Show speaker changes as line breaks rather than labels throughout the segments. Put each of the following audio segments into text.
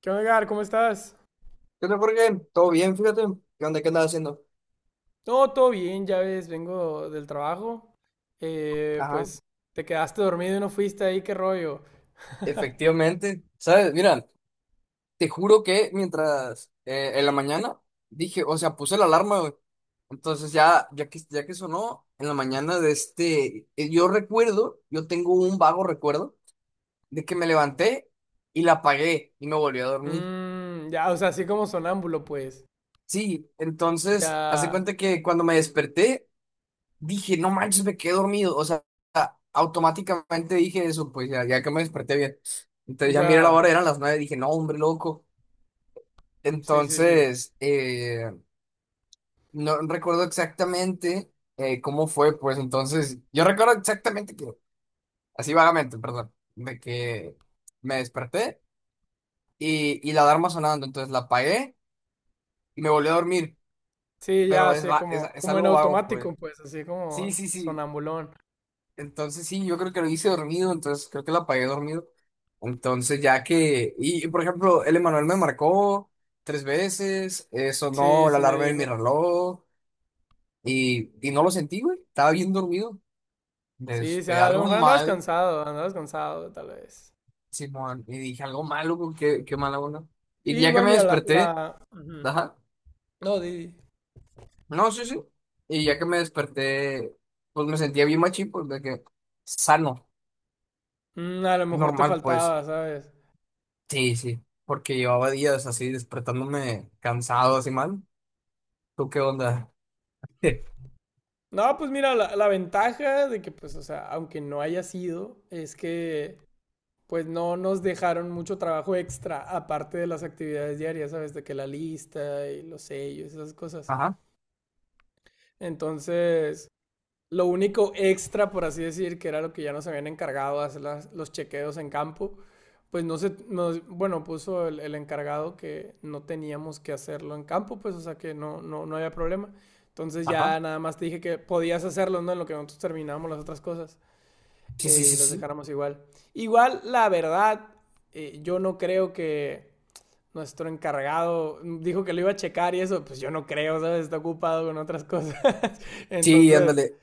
¿Qué onda, Edgar? ¿Cómo estás?
¿Qué onda, Jorge? ¿Todo bien? Fíjate. ¿Qué onda? ¿Qué andas haciendo?
No, todo bien, ya ves, vengo del trabajo. Eh,
Ajá.
pues te quedaste dormido y no fuiste ahí, qué rollo.
Efectivamente. ¿Sabes? Mira, te juro que mientras en la mañana dije, o sea, puse la alarma, güey. Entonces ya que sonó en la mañana de este, yo recuerdo, yo tengo un vago recuerdo de que me levanté y la apagué y me volví a dormir.
Mm, ya, o sea, así como sonámbulo, pues.
Sí, entonces, hace
Ya,
cuenta que cuando me desperté, dije, no manches, me quedé dormido. O sea, automáticamente dije eso, pues ya, ya que me desperté bien. Entonces ya miré la
ya.
hora, eran las nueve, dije, no, hombre, loco.
Sí, sí, sí.
Entonces, no recuerdo exactamente cómo fue, pues entonces, yo recuerdo exactamente que, así vagamente, perdón, de que me desperté y la alarma sonando, entonces la apagué y me volví a dormir,
Sí, ya,
pero
así como,
es
como en
algo vago, pues.
automático, pues, así
Sí, sí,
como
sí.
sonambulón.
Entonces sí, yo creo que lo hice dormido, entonces creo que la apagué dormido. Entonces ya que, y por ejemplo, el Emanuel me marcó tres veces,
Sí,
sonó la
sí me
alarma de mi
dijo.
reloj y no lo sentí, güey, estaba bien dormido.
Sí, sí,
Este,
a lo
algo
mejor
mal,
andabas cansado, tal vez.
simón, y dije algo malo, güey, qué mala onda.
Sí,
Y ya que
igual,
me
mira, la,
desperté,
la... Ujú.
ajá,
No, di. Di.
no, sí, sí, y ya que me desperté, pues me sentía bien machín, pues de que sano,
Mm, a lo mejor te
normal, pues.
faltaba, ¿sabes?
Sí, sí, porque llevaba días así despertándome cansado, así mal. ¿Tú qué onda?
No, pues mira, la ventaja de que, pues, o sea, aunque no haya sido, es que, pues, no nos dejaron mucho trabajo extra, aparte de las actividades diarias, ¿sabes? De que la lista y los sellos, esas cosas.
Ajá,
Entonces, lo único extra, por así decir, que era lo que ya nos habían encargado hacer las- los chequeos en campo, pues no se, nos- bueno, puso el encargado que no teníamos que hacerlo en campo, pues o sea que no, no, no había problema. Entonces
ajá.
ya nada más te dije que podías hacerlo, ¿no? En lo que nosotros terminábamos las otras cosas
Sí, sí,
y
sí,
las
sí.
dejáramos igual. Igual, la verdad, yo no creo que nuestro encargado dijo que lo iba a checar y eso, pues yo no creo, ¿sabes? Está ocupado con otras cosas.
Sí,
Entonces,
ándale,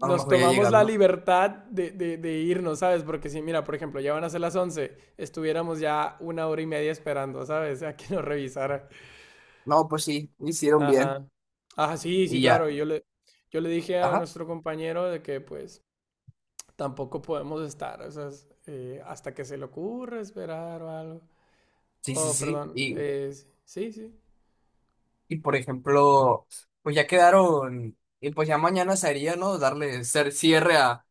a lo mejor ya
tomamos la
llegando.
libertad de, de irnos, ¿sabes? Porque si, mira, por ejemplo, ya van a ser las 11, estuviéramos ya una hora y media esperando, ¿sabes? A que nos revisara.
No, pues sí, hicieron bien.
Ajá. Ajá, sí, sí,
Y ya,
claro. Y yo le dije a
ajá.
nuestro compañero de que, pues, tampoco podemos estar, o sea, es, hasta que se le ocurra esperar o algo.
Sí, sí,
Oh,
sí.
perdón. Sí, sí.
Y por ejemplo, pues ya quedaron, y pues ya mañana sería, ¿no? Darle cierre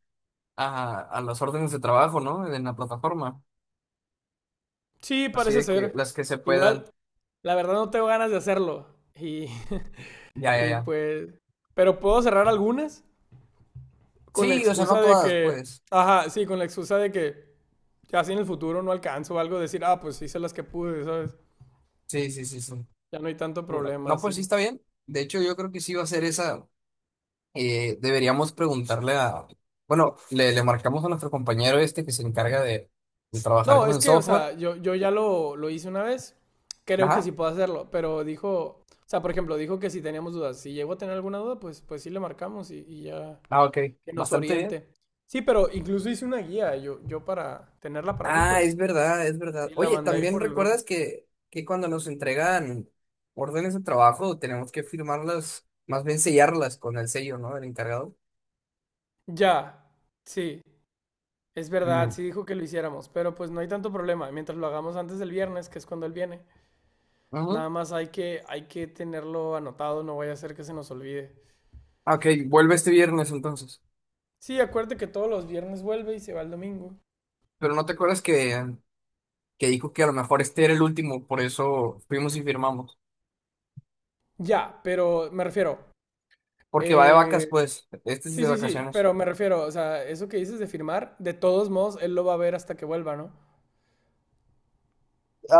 a las órdenes de trabajo, ¿no? En la plataforma.
Sí,
Así
parece
de que
ser.
las que se puedan.
Igual, la verdad no tengo ganas de hacerlo. Y,
Ya, ya,
y
ya.
pues, pero puedo cerrar algunas. Con la
Sí, o sea, no
excusa de
todas,
que,
pues.
ajá, sí, con la excusa de que ya si en el futuro no alcanzo o algo, decir, ah, pues hice las que pude, ¿sabes?
Sí, sí, sí, sí.
Ya no hay tanto
¿Verdad?
problema
No,
así.
pues sí está bien. De hecho, yo creo que sí va a ser esa. Eh, deberíamos preguntarle a. Bueno, le marcamos a nuestro compañero este que se encarga de trabajar
No,
con
es
el
que, o
software.
sea, yo ya lo hice una vez, creo que sí
Ajá.
puedo hacerlo, pero dijo, o sea, por ejemplo, dijo que si teníamos dudas, si llego a tener alguna duda, pues, pues sí le marcamos y ya
Ah, ok,
que nos
bastante bien.
oriente. Sí, pero incluso hice una guía, yo para tenerla para mí,
Ah,
pues,
es verdad, es verdad.
y la
Oye,
mandé ahí
también
por el grupo.
recuerdas que cuando nos entregan órdenes de trabajo tenemos que firmarlas, más bien sellarlas con el sello, ¿no? Del encargado.
Ya, sí. Es verdad,
Mm.
sí dijo que lo hiciéramos, pero pues no hay tanto problema. Mientras lo hagamos antes del viernes, que es cuando él viene,
Ajá.
nada más hay que tenerlo anotado, no vaya a ser que se nos olvide.
Ah, ok, vuelve este viernes entonces.
Sí, acuérdate que todos los viernes vuelve y se va el domingo.
Pero no te acuerdas que dijo que a lo mejor este era el último, por eso fuimos y firmamos.
Ya, pero me refiero,
Porque va de vacas,
eh,
pues, este es
sí,
de
sí, sí,
vacaciones.
pero me refiero, o sea, eso que dices de firmar, de todos modos, él lo va a ver hasta que vuelva, ¿no?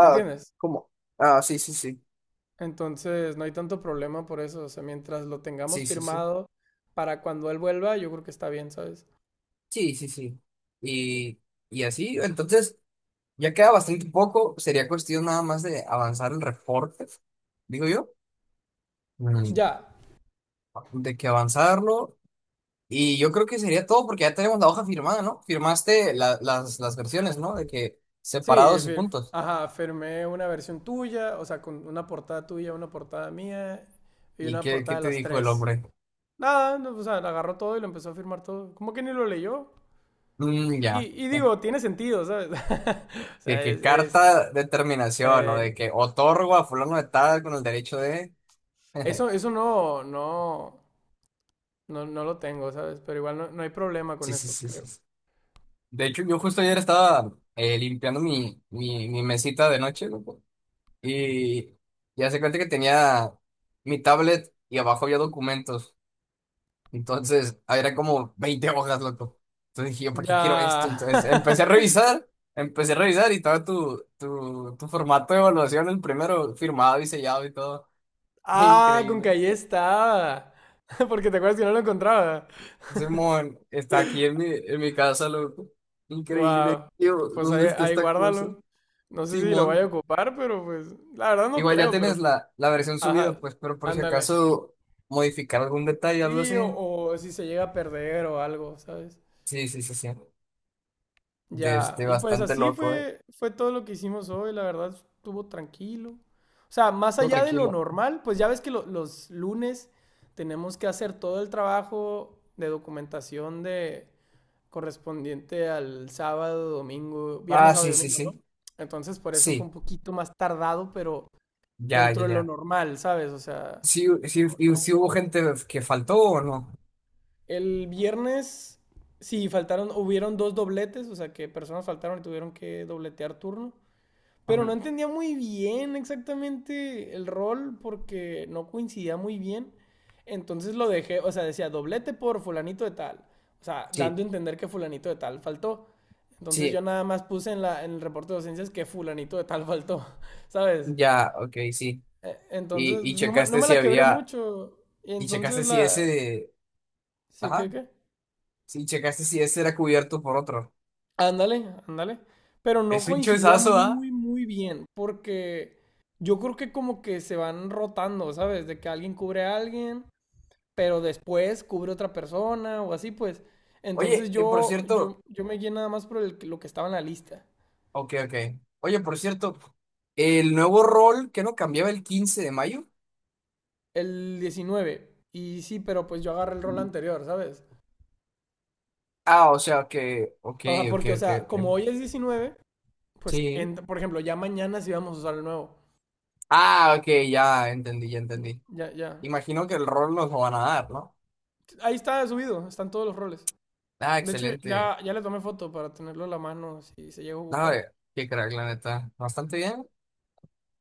¿Me entiendes?
¿cómo? Ah, sí, sí, sí.
Entonces, no hay tanto problema por eso, o sea, mientras lo tengamos
Sí, sí, sí.
firmado para cuando él vuelva, yo creo que está bien, ¿sabes?
Sí, sí, sí. Y, y así, entonces, ya queda bastante poco. Sería cuestión nada más de avanzar el reporte, digo yo. Mm.
Ya.
De que avanzarlo. Y yo creo que sería todo porque ya tenemos la hoja firmada, ¿no? Firmaste las versiones, ¿no? De que
Sí,
separados y
fir-
juntos.
ajá, firmé una versión tuya, o sea, con una portada tuya, una portada mía y
¿Y
una
qué
portada de
te
las
dijo el
tres.
hombre?
Nada, no, o sea, agarró todo y lo empezó a firmar todo. Como que ni lo leyó.
Mm, ya.
Y digo, tiene sentido, ¿sabes? O
De
sea,
que
es,
carta de terminación o
eh,
de que otorgo a fulano de tal con el derecho de...
eso, eso no, no, no, no lo tengo, ¿sabes? Pero igual no, no hay problema con
Sí, sí,
eso,
sí, sí,
creo.
sí. De hecho, yo justo ayer estaba limpiando mi mesita de noche, loco, y ya se cuenta que tenía mi tablet y abajo había documentos. Entonces, eran como 20 hojas, loco. Entonces dije, yo, ¿para qué
Ya.
quiero esto? Entonces empecé a revisar y estaba tu formato de evaluación, el primero firmado y sellado y todo.
Ah, con que
Increíble.
ahí está. Porque te acuerdas que no lo encontraba.
Simón, está aquí en mi casa, loco. Increíble,
Wow.
tío,
Pues ahí,
¿dónde está
ahí
esta cosa?
guárdalo. No sé si lo vaya a
Simón,
ocupar, pero pues, la verdad no
igual ya
creo, pero
tienes
pues,
la, la versión subida,
ajá,
pues, pero por si
ándale.
acaso modificar algún detalle, algo
Sí,
así.
o si se llega a perder o algo, ¿sabes?
Sí, sí, sí, sí. De
Ya,
este
y pues
bastante
así
loco, ¿eh?
fue, fue todo lo que hicimos hoy, la verdad estuvo tranquilo. O sea, más
Todo
allá de lo
tranquilo.
normal, pues ya ves que lo- los lunes tenemos que hacer todo el trabajo de documentación de, correspondiente al sábado, domingo, viernes,
Ah,
sábado y
sí, sí,
domingo, ¿no?
sí.
Entonces por eso fue un
Sí,
poquito más tardado, pero
ya,
dentro
ya,
de lo
ya.
normal, ¿sabes? O sea,
Sí, sí, y sí hubo gente que faltó o no.
el viernes sí faltaron, hubieron dos dobletes, o sea que personas faltaron y tuvieron que dobletear turno. Pero
Ajá.
no entendía muy bien exactamente el rol porque no coincidía muy bien. Entonces lo dejé, o sea, decía doblete por fulanito de tal. O sea, dando
Sí,
a entender que fulanito de tal faltó. Entonces yo
sí,
nada más puse en, la, en el reporte de docencias que fulanito de tal faltó, ¿sabes?
ya, ok, sí.
Entonces,
Y, y
pues no me, no
checaste
me
si
la quebré
había,
mucho. Y
y
entonces
checaste si
la...
ese,
¿Sí qué
ajá.
qué?
Sí, checaste si ese era cubierto por otro.
Ándale, ándale. Pero no
Es un
coincidía
choizazo, ¿ah?
muy, muy bien, porque yo creo que como que se van rotando, ¿sabes? De que alguien cubre a alguien, pero después cubre otra persona o así, pues. Entonces
Oye, por
yo,
cierto.
yo, yo me guié nada más por el- que- lo que estaba en la lista,
Ok, ok. Oye, por cierto, el nuevo rol que no cambiaba el 15 de mayo.
el diecinueve. Y sí, pero pues yo agarré el rol anterior, ¿sabes?
Ah, o sea que. Ok,
O sea,
ok,
porque, o
ok,
sea, como
ok.
hoy es 19, pues,
Sí.
en- por ejemplo, ya mañana sí vamos a usar el nuevo.
Ah, ok, ya entendí, ya entendí.
Ya, ya.
Imagino que el rol nos lo van a dar, ¿no?
Ahí está subido, están todos los roles.
Ah,
De hecho,
excelente.
ya, ya le tomé foto para tenerlo a la mano si se llega a
Nada,
ocupar.
de- qué crack, la neta. Bastante bien.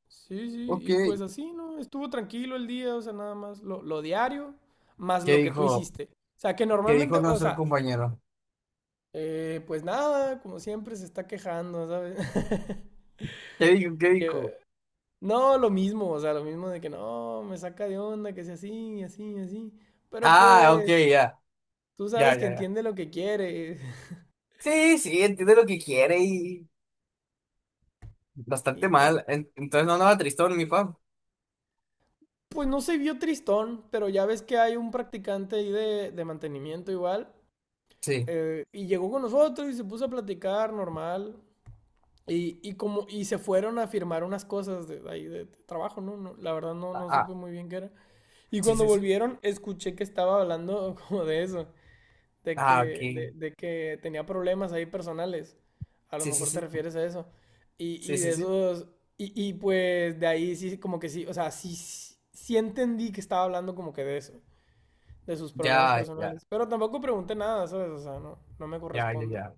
Sí, sí,
Ok.
y pues así, ¿no? Estuvo tranquilo el día, o sea, nada más lo diario, más
¿Qué
lo que tú
dijo?
hiciste. O sea, que
¿Qué
normalmente,
dijo
o
nuestro
sea,
compañero?
pues nada, como siempre se está quejando, ¿sabes?
¿Qué dijo? ¿Qué
Que,
dijo?
no, lo mismo, o sea, lo mismo de que no, me saca de onda, que sea así, así, así. Pero
Ah, ok,
pues,
ya.
tú
Ya,
sabes que
ya, ya.
entiende lo que quiere.
Sí, sí, entiende lo que quiere y bastante
Sí, no.
mal. Entonces no andaba tristón, mi pap.
Pues no se vio tristón, pero ya ves que hay un practicante ahí de mantenimiento igual.
Sí.
Y llegó con nosotros y se puso a platicar normal. Y como, y se fueron a firmar unas cosas de, ahí de, trabajo, ¿no? No, la verdad no,
Ah,
no supe
ah,
muy bien qué era. Y
sí,
cuando
sí, sí.
volvieron, escuché que estaba hablando como de eso
Ah, ok.
de que tenía problemas ahí personales. A lo
Sí, sí,
mejor te
sí.
refieres a eso.
Sí,
Y
sí,
de
sí.
esos, y pues de ahí sí, como que sí, o sea, sí, sí sí entendí que estaba hablando como que de eso, de sus problemas
Ya, ya,
personales. Pero tampoco pregunté nada, ¿sabes? O sea, no, no me
ya, ya,
corresponde.
ya.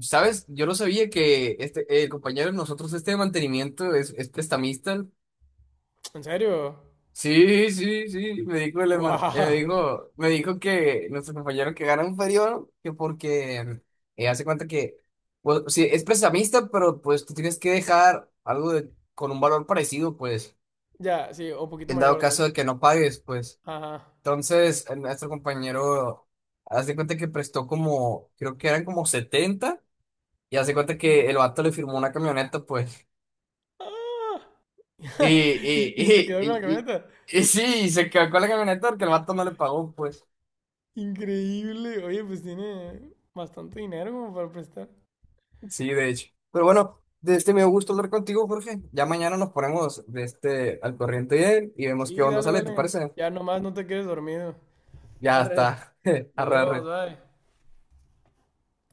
¿Sabes? Yo no sabía que este, el compañero de nosotros, este de mantenimiento, es prestamista.
¿En serio?
Sí, sí, sí, me dijo, me
¡Wow!
dijo, me dijo que nuestro compañero que gana inferior, que porque hace cuenta que, pues, sí, es prestamista, pero pues tú tienes que dejar algo de, con un valor parecido, pues,
Ya, sí, o poquito
en dado
mayor, de
caso
hecho.
de que no pagues, pues.
Ajá.
Entonces, nuestro compañero hace cuenta que prestó como, creo que eran como 70 y hace cuenta
Y...
que el vato le firmó una camioneta, pues,
¡Ah!
y, y,
Y, y se quedó
y,
con la
y, y,
camioneta.
y sí, se quedó con la camioneta porque el vato no le pagó, pues.
Increíble. Oye, pues tiene bastante dinero como para prestar.
Sí, de hecho. Pero bueno, de este me gusto hablar contigo, Jorge. Ya mañana nos ponemos de este al corriente de él y vemos qué
Sí,
onda
dale,
sale, ¿te
dale.
parece?
Ya nomás no te quedes dormido.
Ya
Arre,
está.
nos
Arre,
vemos,
arre.
bye.